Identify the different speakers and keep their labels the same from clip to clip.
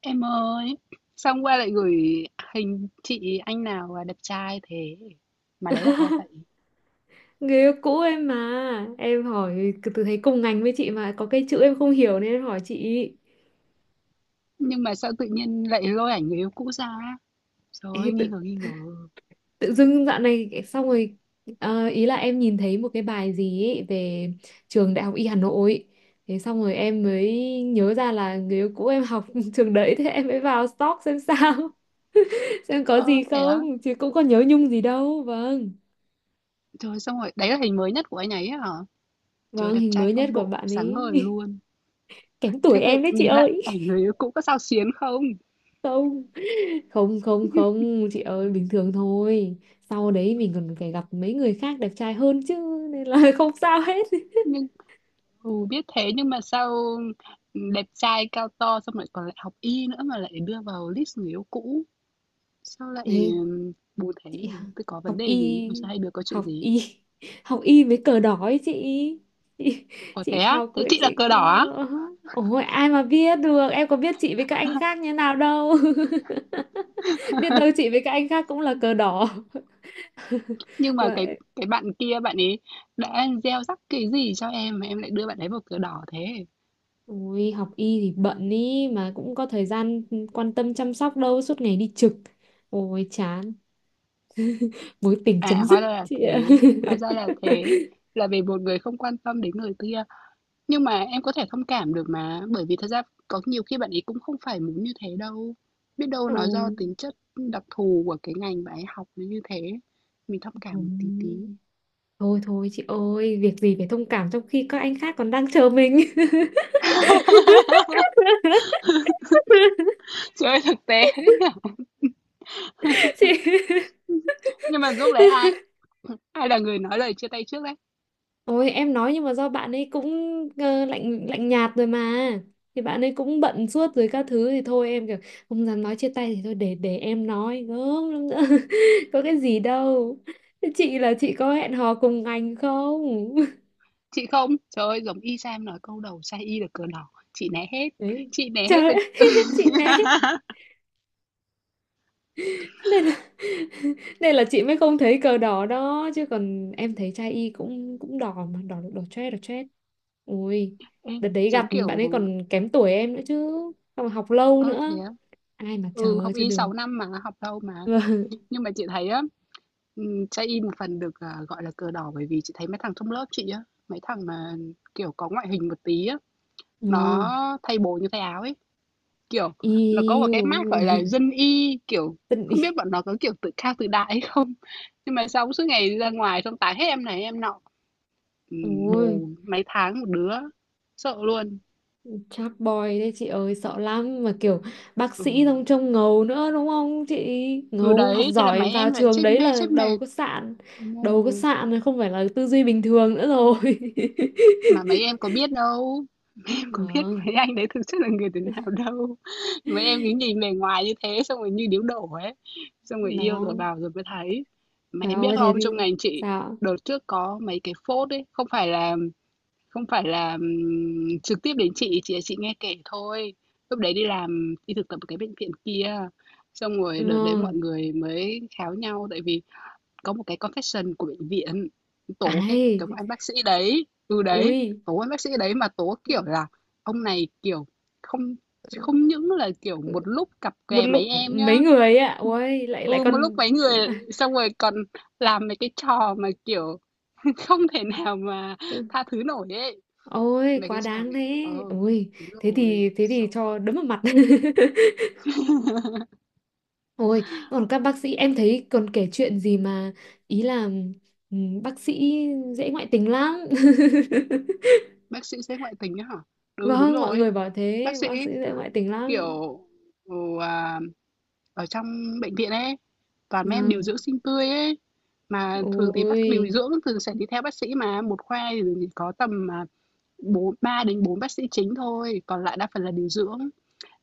Speaker 1: Em ơi, sao hôm qua lại gửi hình chị anh nào là đẹp trai thế? Mà đấy là hai vậy.
Speaker 2: Người yêu cũ em mà. Em hỏi từ thấy cùng ngành với chị mà có cái chữ em không hiểu nên em hỏi chị.
Speaker 1: Nhưng mà sao tự nhiên lại lôi ảnh người yêu cũ ra? Trời ơi,
Speaker 2: Ê, tự,
Speaker 1: nghi ngờ nghi ngờ.
Speaker 2: tự dưng dạo này xong rồi, ý là em nhìn thấy một cái bài gì ấy về trường Đại học Y Hà Nội, thế xong rồi em mới nhớ ra là người yêu cũ em học trường đấy, thế em mới vào stalk xem sao. Xem có
Speaker 1: Ơ
Speaker 2: gì
Speaker 1: thế á?
Speaker 2: không chứ cũng có nhớ nhung gì đâu. Vâng.
Speaker 1: Trời xong rồi, đấy là hình mới nhất của anh ấy á hả? Trời
Speaker 2: Vâng,
Speaker 1: đẹp
Speaker 2: hình
Speaker 1: trai
Speaker 2: mới nhất
Speaker 1: phong
Speaker 2: của
Speaker 1: độ,
Speaker 2: bạn
Speaker 1: sáng
Speaker 2: ấy.
Speaker 1: ngời luôn.
Speaker 2: Kém tuổi
Speaker 1: Thế việc
Speaker 2: em đấy chị
Speaker 1: nhìn lại
Speaker 2: ơi.
Speaker 1: ảnh người yêu cũ có sao xuyến không?
Speaker 2: Không, không, không, không chị ơi, bình thường thôi. Sau đấy mình còn phải gặp mấy người khác đẹp trai hơn chứ, nên là không sao hết.
Speaker 1: Nhưng biết thế nhưng mà sao đẹp trai cao to xong lại còn lại học y nữa mà lại đưa vào list người yêu cũ. Sao lại,
Speaker 2: Ê,
Speaker 1: bù thế?
Speaker 2: chị!
Speaker 1: Thế có
Speaker 2: Học
Speaker 1: vấn đề gì?
Speaker 2: y,
Speaker 1: Hôm sau hai đứa có chuyện
Speaker 2: học
Speaker 1: gì?
Speaker 2: y, học y với cờ đỏ ấy chị
Speaker 1: Ồ, thế
Speaker 2: chị
Speaker 1: á?
Speaker 2: học
Speaker 1: Thế chị là
Speaker 2: chị.
Speaker 1: cờ đỏ á?
Speaker 2: Ôi ai mà biết được, em có biết chị với các anh khác như nào đâu. Biết đâu chị với các anh khác cũng là cờ đỏ
Speaker 1: Nhưng mà cái
Speaker 2: vậy.
Speaker 1: cái bạn kia bạn ấy đã gieo rắc cái gì cho em mà em lại đưa bạn ấy vào cờ đỏ thế?
Speaker 2: Ôi, học y thì bận ý mà, cũng có thời gian quan tâm chăm sóc đâu, suốt ngày đi trực. Ôi chán, mối tình chấm
Speaker 1: À,
Speaker 2: dứt
Speaker 1: hóa ra là
Speaker 2: chị
Speaker 1: thế,
Speaker 2: ạ.
Speaker 1: hóa ra là thế. Là vì một người không quan tâm đến người kia. Nhưng mà em có thể thông cảm được mà, bởi vì thật ra có nhiều khi bạn ấy cũng không phải muốn như thế đâu. Biết đâu nó do
Speaker 2: Ôi,
Speaker 1: tính chất đặc thù của cái ngành bạn ấy học nó như thế. Mình thông cảm một tí tí.
Speaker 2: thôi. Thôi thôi chị ơi, việc gì phải thông cảm trong khi các anh khác còn đang chờ mình.
Speaker 1: Chơi thực tế đấy
Speaker 2: Chị.
Speaker 1: nhỉ? Nhưng mà lúc đấy ai ai là người nói lời chia tay trước đấy?
Speaker 2: Ôi em nói, nhưng mà do bạn ấy cũng lạnh lạnh nhạt rồi mà, thì bạn ấy cũng bận suốt rồi các thứ, thì thôi em kiểu không dám nói chia tay, thì thôi để em nói gớm lắm nữa có cái gì đâu. Thế chị, là chị có hẹn hò cùng anh không?
Speaker 1: Chị không? Trời ơi, giống y Sam nói câu đầu sai y được cờ đỏ
Speaker 2: Đấy
Speaker 1: chị né
Speaker 2: trời
Speaker 1: hết rồi.
Speaker 2: ơi, chị né, nên là nên là chị mới không thấy cờ đỏ đó chứ, còn em thấy trai y cũng cũng đỏ mà đỏ đỏ chét, đỏ chét. Ui,
Speaker 1: Ê,
Speaker 2: đợt đấy gặp
Speaker 1: giống
Speaker 2: bạn
Speaker 1: kiểu
Speaker 2: ấy còn kém tuổi em nữa chứ, xong rồi học lâu
Speaker 1: ơ thế
Speaker 2: nữa,
Speaker 1: á?
Speaker 2: ai mà
Speaker 1: Ừ,
Speaker 2: chờ
Speaker 1: học
Speaker 2: cho
Speaker 1: y
Speaker 2: được.
Speaker 1: 6 năm mà, học lâu mà.
Speaker 2: Vâng,
Speaker 1: Nhưng mà chị thấy á, sai y một phần được à, gọi là cờ đỏ bởi vì chị thấy mấy thằng trong lớp chị á, mấy thằng mà kiểu có ngoại hình một tí á,
Speaker 2: vâng.
Speaker 1: nó thay bồ như thay áo ấy. Kiểu, nó có một
Speaker 2: Yêu,
Speaker 1: cái mác, gọi là, dân y, kiểu,
Speaker 2: tình yêu.
Speaker 1: không biết bọn nó có, kiểu, tự cao tự đại hay không? Nhưng mà xong suốt ngày ra ngoài xong tán hết em này em nọ,
Speaker 2: Ôi
Speaker 1: bồ mấy tháng một đứa, sợ luôn.
Speaker 2: chat boy đấy chị ơi, sợ lắm mà kiểu bác
Speaker 1: Ừ,
Speaker 2: sĩ xong trông ngầu nữa đúng không chị?
Speaker 1: ừ,
Speaker 2: Ngầu học
Speaker 1: đấy, thế là
Speaker 2: giỏi
Speaker 1: mấy
Speaker 2: vào
Speaker 1: em lại
Speaker 2: trường
Speaker 1: chết
Speaker 2: đấy
Speaker 1: mê
Speaker 2: là
Speaker 1: chết
Speaker 2: đầu
Speaker 1: mệt.
Speaker 2: có sạn.
Speaker 1: Đúng
Speaker 2: Đầu có
Speaker 1: rồi,
Speaker 2: sạn rồi, không phải là tư duy bình thường nữa rồi.
Speaker 1: mà mấy em có biết đâu, em có biết
Speaker 2: Vâng.
Speaker 1: mấy anh đấy thực chất là người thế nào đâu. Mấy em cứ nhìn bề ngoài như thế xong rồi như điếu đổ ấy, xong rồi yêu rồi
Speaker 2: Nó.
Speaker 1: vào rồi mới thấy. Mà
Speaker 2: Trời
Speaker 1: em biết
Speaker 2: ơi thế
Speaker 1: không,
Speaker 2: thì
Speaker 1: trong ngành chị
Speaker 2: sao?
Speaker 1: đợt trước có mấy cái phốt ấy, không phải là. Không phải là, trực tiếp đến chị, chỉ là chị nghe kể thôi. Lúc đấy đi làm, đi thực tập ở cái bệnh viện kia, xong rồi đợt đấy
Speaker 2: Vâng.
Speaker 1: mọi người mới kháo nhau tại vì có một cái confession của bệnh viện, tố cái ông
Speaker 2: Ai.
Speaker 1: anh bác sĩ đấy ừ, đấy,
Speaker 2: Ui
Speaker 1: tố anh bác sĩ đấy mà tố, kiểu là, ông này, kiểu, không không những là, kiểu, một lúc cặp
Speaker 2: một
Speaker 1: kè mấy
Speaker 2: lúc
Speaker 1: em nhá,
Speaker 2: mấy người ấy ạ.
Speaker 1: ừm,
Speaker 2: Ôi lại lại
Speaker 1: ừ, một lúc
Speaker 2: còn.
Speaker 1: mấy người, xong rồi còn làm mấy cái trò mà, kiểu, không thể nào mà tha thứ nổi ấy.
Speaker 2: Ôi
Speaker 1: Mấy
Speaker 2: quá
Speaker 1: cái sao
Speaker 2: đáng
Speaker 1: nhỉ,
Speaker 2: thế. Ôi
Speaker 1: đúng
Speaker 2: thế
Speaker 1: rồi,
Speaker 2: thì thế thì
Speaker 1: xong.
Speaker 2: cho đấm vào mặt. Ôi. Còn các bác sĩ em thấy còn kể chuyện gì mà, ý là, ừ, bác sĩ dễ ngoại tình lắm.
Speaker 1: Bác sĩ sẽ ngoại tình á hả? Ừ, đúng
Speaker 2: Vâng, mọi
Speaker 1: rồi,
Speaker 2: người bảo
Speaker 1: bác
Speaker 2: thế,
Speaker 1: sĩ,
Speaker 2: bác sĩ dễ ngoại tình lắm.
Speaker 1: kiểu, ừ, à, ở trong bệnh viện ấy, toàn mấy em điều
Speaker 2: Vâng.
Speaker 1: dưỡng xinh tươi ấy, mà thường thì bác điều
Speaker 2: Ôi.
Speaker 1: dưỡng thường sẽ đi theo bác sĩ mà, một khoa thì chỉ có tầm à, bốn 3 đến 4 bác sĩ chính thôi, còn lại đa phần là điều dưỡng.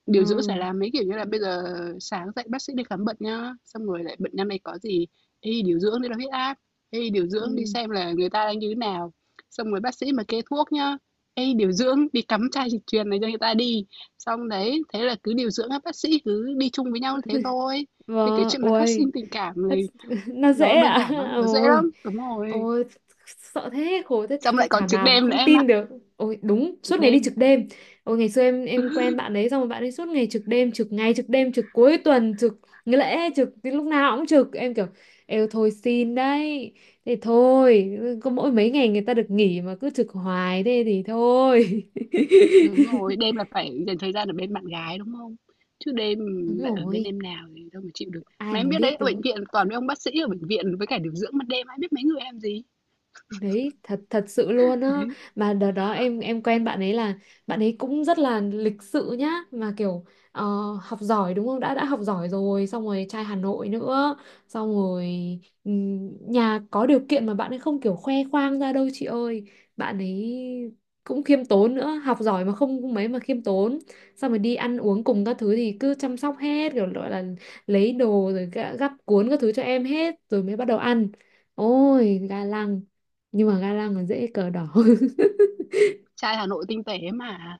Speaker 1: Điều dưỡng sẽ
Speaker 2: Vâng.
Speaker 1: làm mấy, kiểu như là, bây giờ sáng dậy bác sĩ đi khám bệnh nhá, xong rồi lại bệnh năm nay có gì, "Ê, điều dưỡng đi đo huyết áp, ê, điều dưỡng đi
Speaker 2: Ừ.
Speaker 1: xem là người ta đang như thế nào." Xong rồi bác sĩ mà kê thuốc nhá, "Ê, điều dưỡng đi cắm chai dịch truyền này cho người ta đi." Xong đấy, thế là cứ điều dưỡng các bác sĩ cứ đi chung với nhau thế thôi. Thì cái
Speaker 2: Vâng,
Speaker 1: chuyện mà phát
Speaker 2: ôi,
Speaker 1: sinh tình cảm
Speaker 2: thật-
Speaker 1: này
Speaker 2: nó dễ
Speaker 1: nó đơn
Speaker 2: ạ.
Speaker 1: giản lắm, nó dễ
Speaker 2: Ôi,
Speaker 1: lắm. Đúng rồi.
Speaker 2: ôi, sợ thế, khổ thế,
Speaker 1: Xong
Speaker 2: thế
Speaker 1: lại còn
Speaker 2: thảm
Speaker 1: trực
Speaker 2: nào, mà
Speaker 1: đêm nữa
Speaker 2: không
Speaker 1: em ạ,
Speaker 2: tin được. Ôi, đúng, suốt
Speaker 1: trực
Speaker 2: ngày đi
Speaker 1: đêm.
Speaker 2: trực đêm. Ôi, ngày xưa em quen bạn đấy, xong rồi bạn ấy suốt ngày trực đêm, trực ngày, trực đêm, trực cuối tuần, trực nghỉ lễ, trực, cái lúc nào cũng trực. Em kiểu, êu thôi xin đấy, thế thôi, có mỗi mấy ngày người ta được nghỉ mà cứ trực hoài thế thì thôi.
Speaker 1: Đúng rồi, đêm là phải dành thời gian ở bên bạn gái, đúng không? Chứ đêm
Speaker 2: Đúng
Speaker 1: lại ở bên
Speaker 2: rồi,
Speaker 1: em nào thì đâu mà chịu được.
Speaker 2: ai
Speaker 1: Mà em
Speaker 2: mà
Speaker 1: biết đấy,
Speaker 2: biết
Speaker 1: ở bệnh
Speaker 2: được.
Speaker 1: viện toàn mấy ông bác sĩ ở bệnh viện với cả điều dưỡng ban đêm, ai biết mấy người em gì.
Speaker 2: Đấy, thật thật sự luôn á,
Speaker 1: Đấy,
Speaker 2: mà đợt đó em quen bạn ấy là bạn ấy cũng rất là lịch sự nhá, mà kiểu ờ, học giỏi đúng không, đã học giỏi rồi xong rồi trai Hà Nội nữa, xong rồi nhà có điều kiện mà bạn ấy không kiểu khoe khoang ra đâu chị ơi, bạn ấy cũng khiêm tốn nữa, học giỏi mà không không mấy mà khiêm tốn, xong rồi đi ăn uống cùng các thứ thì cứ chăm sóc hết, kiểu gọi là lấy đồ, rồi gắp cuốn các thứ cho em hết rồi mới bắt đầu ăn. Ôi gà lăng, nhưng mà ga lăng còn dễ cờ đỏ.
Speaker 1: trai Hà Nội tinh tế mà,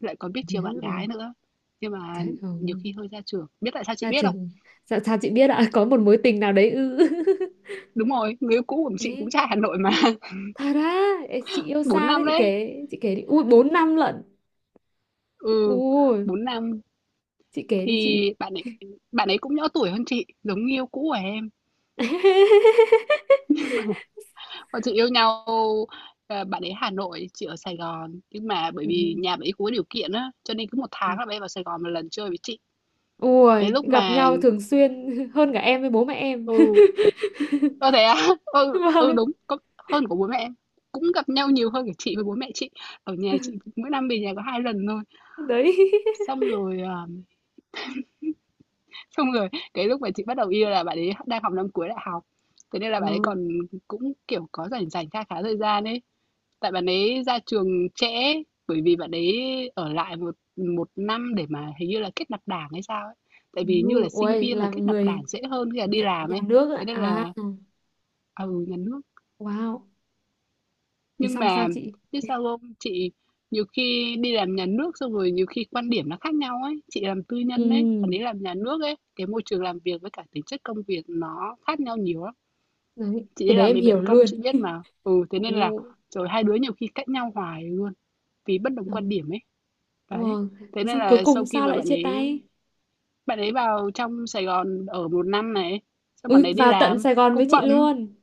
Speaker 1: lại còn biết chiều bạn gái
Speaker 2: Ôi,
Speaker 1: nữa. Nhưng mà
Speaker 2: trời
Speaker 1: nhiều
Speaker 2: ơi
Speaker 1: khi hơi ra trường. Biết tại sao chị
Speaker 2: ra
Speaker 1: biết không?
Speaker 2: trường. Sao chị biết ạ? Có một mối tình nào đấy ư?
Speaker 1: Đúng rồi, người yêu cũ của chị
Speaker 2: Ê,
Speaker 1: cũng trai Hà Nội mà.
Speaker 2: thật á? Ê, chị yêu
Speaker 1: bốn
Speaker 2: xa đấy,
Speaker 1: năm
Speaker 2: chị
Speaker 1: đấy.
Speaker 2: kể chị kể đi. Ui 4 năm lận.
Speaker 1: Ừ,
Speaker 2: Ui
Speaker 1: 4 năm.
Speaker 2: chị kể đi
Speaker 1: Thì
Speaker 2: chị.
Speaker 1: bạn ấy cũng nhỏ tuổi hơn chị, giống người yêu cũ của em. Bọn chị yêu nhau, bạn ấy Hà Nội, chị ở Sài Gòn, nhưng mà bởi
Speaker 2: Ừ.
Speaker 1: vì nhà bạn ấy cũng có điều kiện á, cho nên cứ một tháng
Speaker 2: Ừ.
Speaker 1: là bạn ấy vào Sài Gòn một lần chơi với chị. Cái
Speaker 2: Ui
Speaker 1: lúc
Speaker 2: gặp
Speaker 1: mà
Speaker 2: nhau thường xuyên hơn cả em với bố mẹ em.
Speaker 1: ừ, thế á? Ừ, ừ,
Speaker 2: Vâng.
Speaker 1: đúng, có hơn của bố mẹ em, cũng gặp nhau nhiều hơn của chị với bố mẹ chị. Ở nhà chị mỗi năm về nhà có 2 lần thôi.
Speaker 2: Đấy.
Speaker 1: Xong rồi, xong rồi cái lúc mà chị bắt đầu yêu là bạn ấy đang học năm cuối đại học, thế nên là bạn ấy còn
Speaker 2: Ừ.
Speaker 1: cũng, kiểu, có rảnh rảnh kha khá thời gian ấy. Tại bạn ấy ra trường trễ, bởi vì bạn ấy ở lại một một năm để mà hình như là kết nạp đảng hay sao ấy. Tại
Speaker 2: Ừ,
Speaker 1: vì như là sinh
Speaker 2: ui
Speaker 1: viên là
Speaker 2: làm
Speaker 1: kết nạp đảng
Speaker 2: người
Speaker 1: dễ hơn khi là đi
Speaker 2: nhà,
Speaker 1: làm
Speaker 2: nhà
Speaker 1: ấy.
Speaker 2: nước
Speaker 1: Thế
Speaker 2: ạ.
Speaker 1: nên
Speaker 2: À.
Speaker 1: là à, ừ, nhà nước.
Speaker 2: Wow. Thế
Speaker 1: Nhưng
Speaker 2: xong sao
Speaker 1: mà
Speaker 2: chị?
Speaker 1: biết sao không? Chị nhiều khi đi làm nhà nước xong rồi nhiều khi quan điểm nó khác nhau ấy. Chị làm tư nhân ấy, bạn
Speaker 2: Ừ,
Speaker 1: ấy làm nhà nước ấy, cái môi trường làm việc với cả tính chất công việc nó khác nhau nhiều lắm.
Speaker 2: đấy.
Speaker 1: Chị
Speaker 2: Cái
Speaker 1: đi
Speaker 2: đấy
Speaker 1: làm
Speaker 2: em
Speaker 1: bệnh
Speaker 2: hiểu
Speaker 1: viện công
Speaker 2: luôn.
Speaker 1: chị biết mà. Ừ thế nên là
Speaker 2: Ồ.
Speaker 1: rồi hai đứa nhiều khi cãi nhau hoài luôn vì bất đồng
Speaker 2: Ừ.
Speaker 1: quan điểm ấy. Đấy,
Speaker 2: Vâng.
Speaker 1: thế
Speaker 2: Thế
Speaker 1: nên
Speaker 2: xong cuối
Speaker 1: là
Speaker 2: cùng
Speaker 1: sau khi
Speaker 2: sao
Speaker 1: mà
Speaker 2: lại
Speaker 1: bạn
Speaker 2: chia
Speaker 1: ấy
Speaker 2: tay?
Speaker 1: bạn ấy vào trong Sài Gòn ở một năm này, xong bạn
Speaker 2: Ui,
Speaker 1: ấy đi
Speaker 2: vào tận
Speaker 1: làm,
Speaker 2: Sài Gòn với
Speaker 1: cũng
Speaker 2: chị
Speaker 1: bận.
Speaker 2: luôn.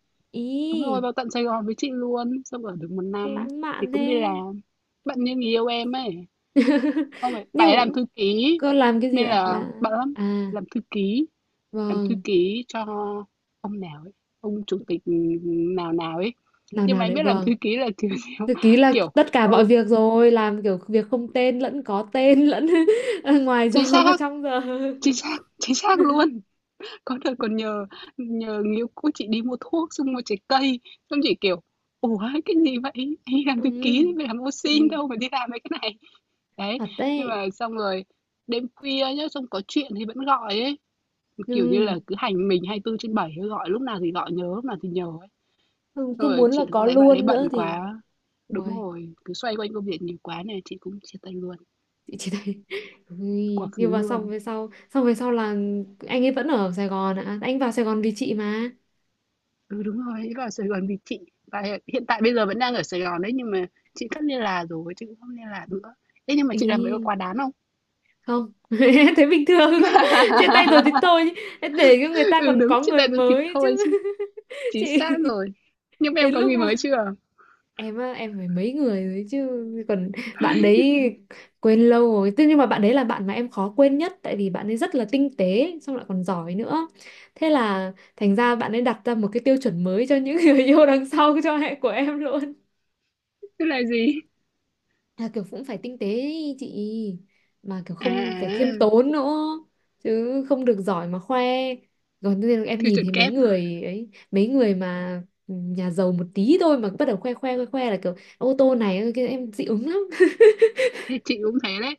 Speaker 1: Đúng rồi,
Speaker 2: Ý,
Speaker 1: vào tận Sài Gòn với chị luôn, xong ở được một năm
Speaker 2: lãng
Speaker 1: thì
Speaker 2: mạn
Speaker 1: cũng đi
Speaker 2: thế.
Speaker 1: làm. Bận như người yêu em ấy, ông ấy bạn ấy làm
Speaker 2: Nhưng
Speaker 1: thư ký
Speaker 2: cô làm cái gì
Speaker 1: nên
Speaker 2: ạ?
Speaker 1: là
Speaker 2: Là
Speaker 1: bận lắm,
Speaker 2: à,
Speaker 1: làm thư ký, làm thư
Speaker 2: vâng,
Speaker 1: ký cho ông nào ấy, ông chủ tịch nào nào ấy.
Speaker 2: nào
Speaker 1: Nhưng
Speaker 2: nào
Speaker 1: mà anh
Speaker 2: đấy
Speaker 1: biết làm thư
Speaker 2: vâng.
Speaker 1: ký là kiểu kiểu,
Speaker 2: Thực ký là
Speaker 1: kiểu
Speaker 2: tất cả mọi
Speaker 1: ừ,
Speaker 2: việc rồi, làm kiểu việc không tên lẫn có tên lẫn ở ngoài
Speaker 1: chính
Speaker 2: giờ
Speaker 1: xác,
Speaker 2: và trong giờ.
Speaker 1: chính xác, chính xác luôn. Có đợt còn nhờ nhờ người yêu cũ chị đi mua thuốc, xong mua trái cây, xong chị, kiểu, "Ủa, cái gì vậy? Đi làm thư
Speaker 2: Ừ.
Speaker 1: ký đi, phải làm ô
Speaker 2: Ê,
Speaker 1: sin đâu mà đi làm mấy cái này." Đấy,
Speaker 2: thật
Speaker 1: nhưng
Speaker 2: đấy.
Speaker 1: mà xong rồi đêm khuya nhá, xong có chuyện thì vẫn gọi ấy, kiểu như
Speaker 2: Ừ.
Speaker 1: là, cứ hành mình 24 trên bảy gọi lúc nào thì gọi, nhớ lúc nào thì nhớ ấy.
Speaker 2: Không,
Speaker 1: Xong
Speaker 2: cứ
Speaker 1: rồi
Speaker 2: muốn là
Speaker 1: chị cũng
Speaker 2: có
Speaker 1: thấy bạn ấy
Speaker 2: luôn nữa
Speaker 1: bận
Speaker 2: thì.
Speaker 1: quá đúng
Speaker 2: Uầy,
Speaker 1: rồi, cứ xoay quanh công việc nhiều quá này chị cũng chia tay luôn,
Speaker 2: chị chỉ thấy.
Speaker 1: quá
Speaker 2: Ui,
Speaker 1: khứ
Speaker 2: nhưng mà xong
Speaker 1: luôn.
Speaker 2: về sau xong về sau là anh ấy vẫn ở Sài Gòn ạ. Anh vào Sài Gòn vì chị mà,
Speaker 1: Ừ, đúng rồi, ấy vào Sài Gòn vì chị và hiện hiện tại bây giờ vẫn đang ở Sài Gòn đấy, nhưng mà chị cắt liên lạc rồi, chị cũng không liên lạc nữa. Thế nhưng mà chị làm vậy có
Speaker 2: ý
Speaker 1: quá đáng không?
Speaker 2: không. Thế bình thường. Chia tay rồi thì thôi, để cho người ta
Speaker 1: Ừ
Speaker 2: còn
Speaker 1: đúng,
Speaker 2: có
Speaker 1: chia
Speaker 2: người
Speaker 1: tay rồi thịt
Speaker 2: mới
Speaker 1: thôi
Speaker 2: chứ.
Speaker 1: chứ. Chính
Speaker 2: Chị.
Speaker 1: xác rồi. Nhưng mà em
Speaker 2: Đến
Speaker 1: có
Speaker 2: lúc
Speaker 1: người mới chưa?
Speaker 2: em á em phải mấy người rồi chứ. Còn bạn đấy quên lâu rồi, thế nhưng mà bạn đấy là bạn mà em khó quên nhất, tại vì bạn ấy rất là tinh tế xong lại còn giỏi nữa, thế là thành ra bạn ấy đặt ra một cái tiêu chuẩn mới cho những người yêu đằng sau cho hệ của em luôn,
Speaker 1: Thế là gì?
Speaker 2: là kiểu cũng phải tinh tế ý chị, mà kiểu
Speaker 1: À,
Speaker 2: không phải khiêm
Speaker 1: à,
Speaker 2: tốn nữa, chứ không được giỏi mà khoe. Còn nên em
Speaker 1: tiêu
Speaker 2: nhìn
Speaker 1: chuẩn
Speaker 2: thấy mấy
Speaker 1: kép rồi.
Speaker 2: người ấy, mấy người mà nhà giàu một tí thôi mà bắt đầu khoe khoe khoe khoe, là kiểu ô tô này, cái em dị ứng lắm.
Speaker 1: Thế chị cũng thế đấy.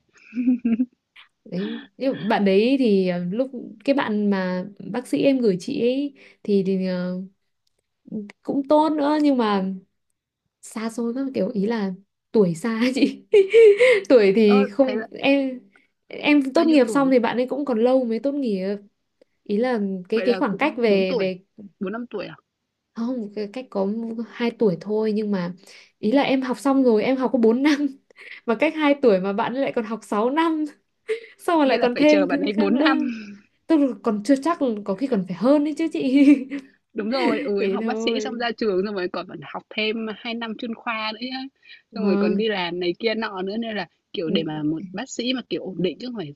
Speaker 2: Đấy, nhưng mà bạn đấy thì lúc cái bạn mà bác sĩ em gửi chị ấy, thì cũng tốt nữa, nhưng mà xa xôi các kiểu, ý là tuổi xa ấy chị. Tuổi thì
Speaker 1: Ơ, thế
Speaker 2: không
Speaker 1: là
Speaker 2: em. Em
Speaker 1: bao
Speaker 2: tốt
Speaker 1: nhiêu
Speaker 2: nghiệp xong
Speaker 1: tuổi?
Speaker 2: thì bạn ấy cũng còn lâu mới tốt nghiệp, ý là cái
Speaker 1: Vậy
Speaker 2: cái
Speaker 1: là
Speaker 2: khoảng
Speaker 1: cũng
Speaker 2: cách
Speaker 1: 4
Speaker 2: về
Speaker 1: tuổi,
Speaker 2: về
Speaker 1: 4 5 tuổi à?
Speaker 2: không, cái cách có 2 tuổi thôi, nhưng mà ý là em học xong rồi, em học có 4 năm, mà cách 2 tuổi mà bạn ấy lại còn học 6 năm, xong rồi
Speaker 1: Nghĩa
Speaker 2: lại
Speaker 1: là
Speaker 2: còn
Speaker 1: phải chờ
Speaker 2: thêm
Speaker 1: bạn
Speaker 2: thứ
Speaker 1: ấy
Speaker 2: khác
Speaker 1: bốn
Speaker 2: nữa,
Speaker 1: năm
Speaker 2: tức là còn chưa chắc, có khi còn phải hơn đấy chứ chị.
Speaker 1: Đúng rồi, ừ, em
Speaker 2: Thế
Speaker 1: học bác sĩ xong
Speaker 2: thôi.
Speaker 1: ra trường xong rồi còn phải học thêm 2 năm chuyên khoa nữa nhá. Xong rồi còn
Speaker 2: Vâng.
Speaker 1: đi làm này kia nọ nữa nên là kiểu để mà một bác sĩ mà kiểu ổn định chứ không phải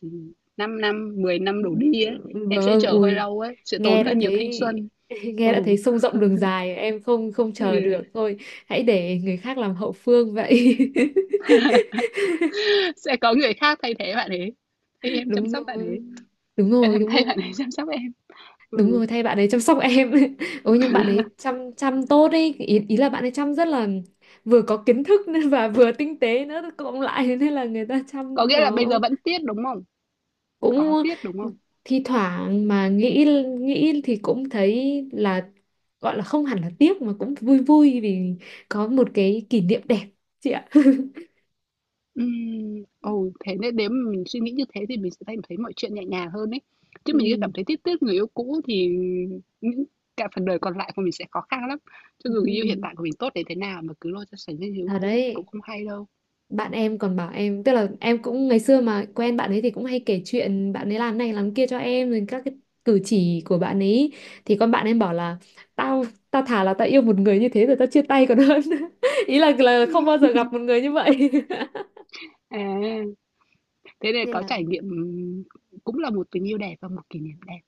Speaker 1: 5 năm, 10 năm đổ đi ấy, em sẽ
Speaker 2: Vâng.
Speaker 1: chờ hơi
Speaker 2: Ui
Speaker 1: lâu ấy, sẽ tốn
Speaker 2: nghe đã
Speaker 1: hơi nhiều thanh
Speaker 2: thấy
Speaker 1: xuân. Ừ,
Speaker 2: nghe đã thấy sông rộng đường dài, em không không chờ được thôi, hãy để người khác làm hậu phương vậy.
Speaker 1: sẽ có người khác thay thế bạn ấy. Thay em chăm
Speaker 2: Đúng
Speaker 1: sóc bạn
Speaker 2: rồi,
Speaker 1: ấy.
Speaker 2: đúng
Speaker 1: Em
Speaker 2: rồi,
Speaker 1: làm
Speaker 2: đúng
Speaker 1: thay
Speaker 2: rồi,
Speaker 1: bạn ấy chăm sóc em.
Speaker 2: đúng
Speaker 1: Ừ,
Speaker 2: rồi thay bạn ấy chăm sóc em. Ôi nhưng bạn ấy chăm chăm tốt ấy, ý là bạn ấy chăm rất là, vừa có kiến thức nên và vừa tinh tế nữa cộng lại nên là người ta
Speaker 1: có
Speaker 2: chăm
Speaker 1: nghĩa là bây
Speaker 2: nó
Speaker 1: giờ vẫn tiết đúng không? Có
Speaker 2: cũng,
Speaker 1: tiết đúng không?
Speaker 2: thi thoảng mà nghĩ nghĩ thì cũng thấy là, gọi là không hẳn là tiếc mà cũng vui vui, vì có một cái kỷ niệm đẹp chị ạ.
Speaker 1: Thế nên nếu mà mình suy nghĩ như thế thì mình sẽ thấy thấy mọi chuyện nhẹ nhàng hơn ấy. Chứ mình cứ
Speaker 2: Ừ.
Speaker 1: cảm thấy tiếc tiếc người yêu cũ thì những cả phần đời còn lại của mình sẽ khó khăn lắm. Cho dù người yêu hiện
Speaker 2: Ừ.
Speaker 1: tại của mình tốt đến thế nào mà cứ lôi ra sánh với người yêu
Speaker 2: Thật
Speaker 1: cũ cũng
Speaker 2: đấy,
Speaker 1: không hay đâu.
Speaker 2: bạn em còn bảo em, tức là em cũng ngày xưa mà quen bạn ấy thì cũng hay kể chuyện bạn ấy làm này làm kia cho em rồi các cái cử chỉ của bạn ấy, thì con bạn em bảo là tao tao thà là tao yêu một người như thế rồi tao chia tay còn hơn, ý là không bao giờ gặp một người như vậy.
Speaker 1: À, thế nên
Speaker 2: Nên
Speaker 1: có
Speaker 2: là
Speaker 1: trải nghiệm cũng là một tình yêu đẹp và một kỷ niệm đẹp,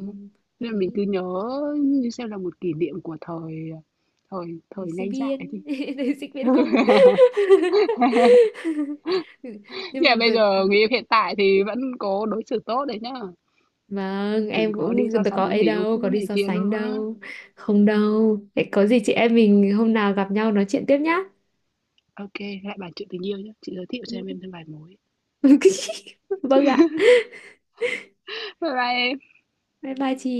Speaker 1: đúng không? Nên là mình
Speaker 2: đấy
Speaker 1: cứ nhớ như xem là một kỷ niệm của thời thời thời
Speaker 2: thì sinh
Speaker 1: ngây dại đi.
Speaker 2: viên. Thì sinh viên không.
Speaker 1: Nhưng
Speaker 2: Nhưng
Speaker 1: mà
Speaker 2: mà
Speaker 1: bây giờ người yêu hiện tại thì vẫn có đối xử tốt đấy nhá.
Speaker 2: vâng
Speaker 1: Đừng
Speaker 2: em
Speaker 1: có đi
Speaker 2: cũng
Speaker 1: so
Speaker 2: tôi
Speaker 1: sánh
Speaker 2: có
Speaker 1: với
Speaker 2: ấy
Speaker 1: người yêu
Speaker 2: đâu, có
Speaker 1: cũ
Speaker 2: đi
Speaker 1: này
Speaker 2: so
Speaker 1: kia
Speaker 2: sánh
Speaker 1: nữa.
Speaker 2: đâu, không đâu. Thế có gì chị em mình hôm nào gặp nhau nói chuyện tiếp nhá.
Speaker 1: Ok, lại bàn chuyện tình yêu nhé. Chị giới thiệu cho em thêm vài mối.
Speaker 2: Vâng ạ.
Speaker 1: Bye bye em.
Speaker 2: Bye bye chị.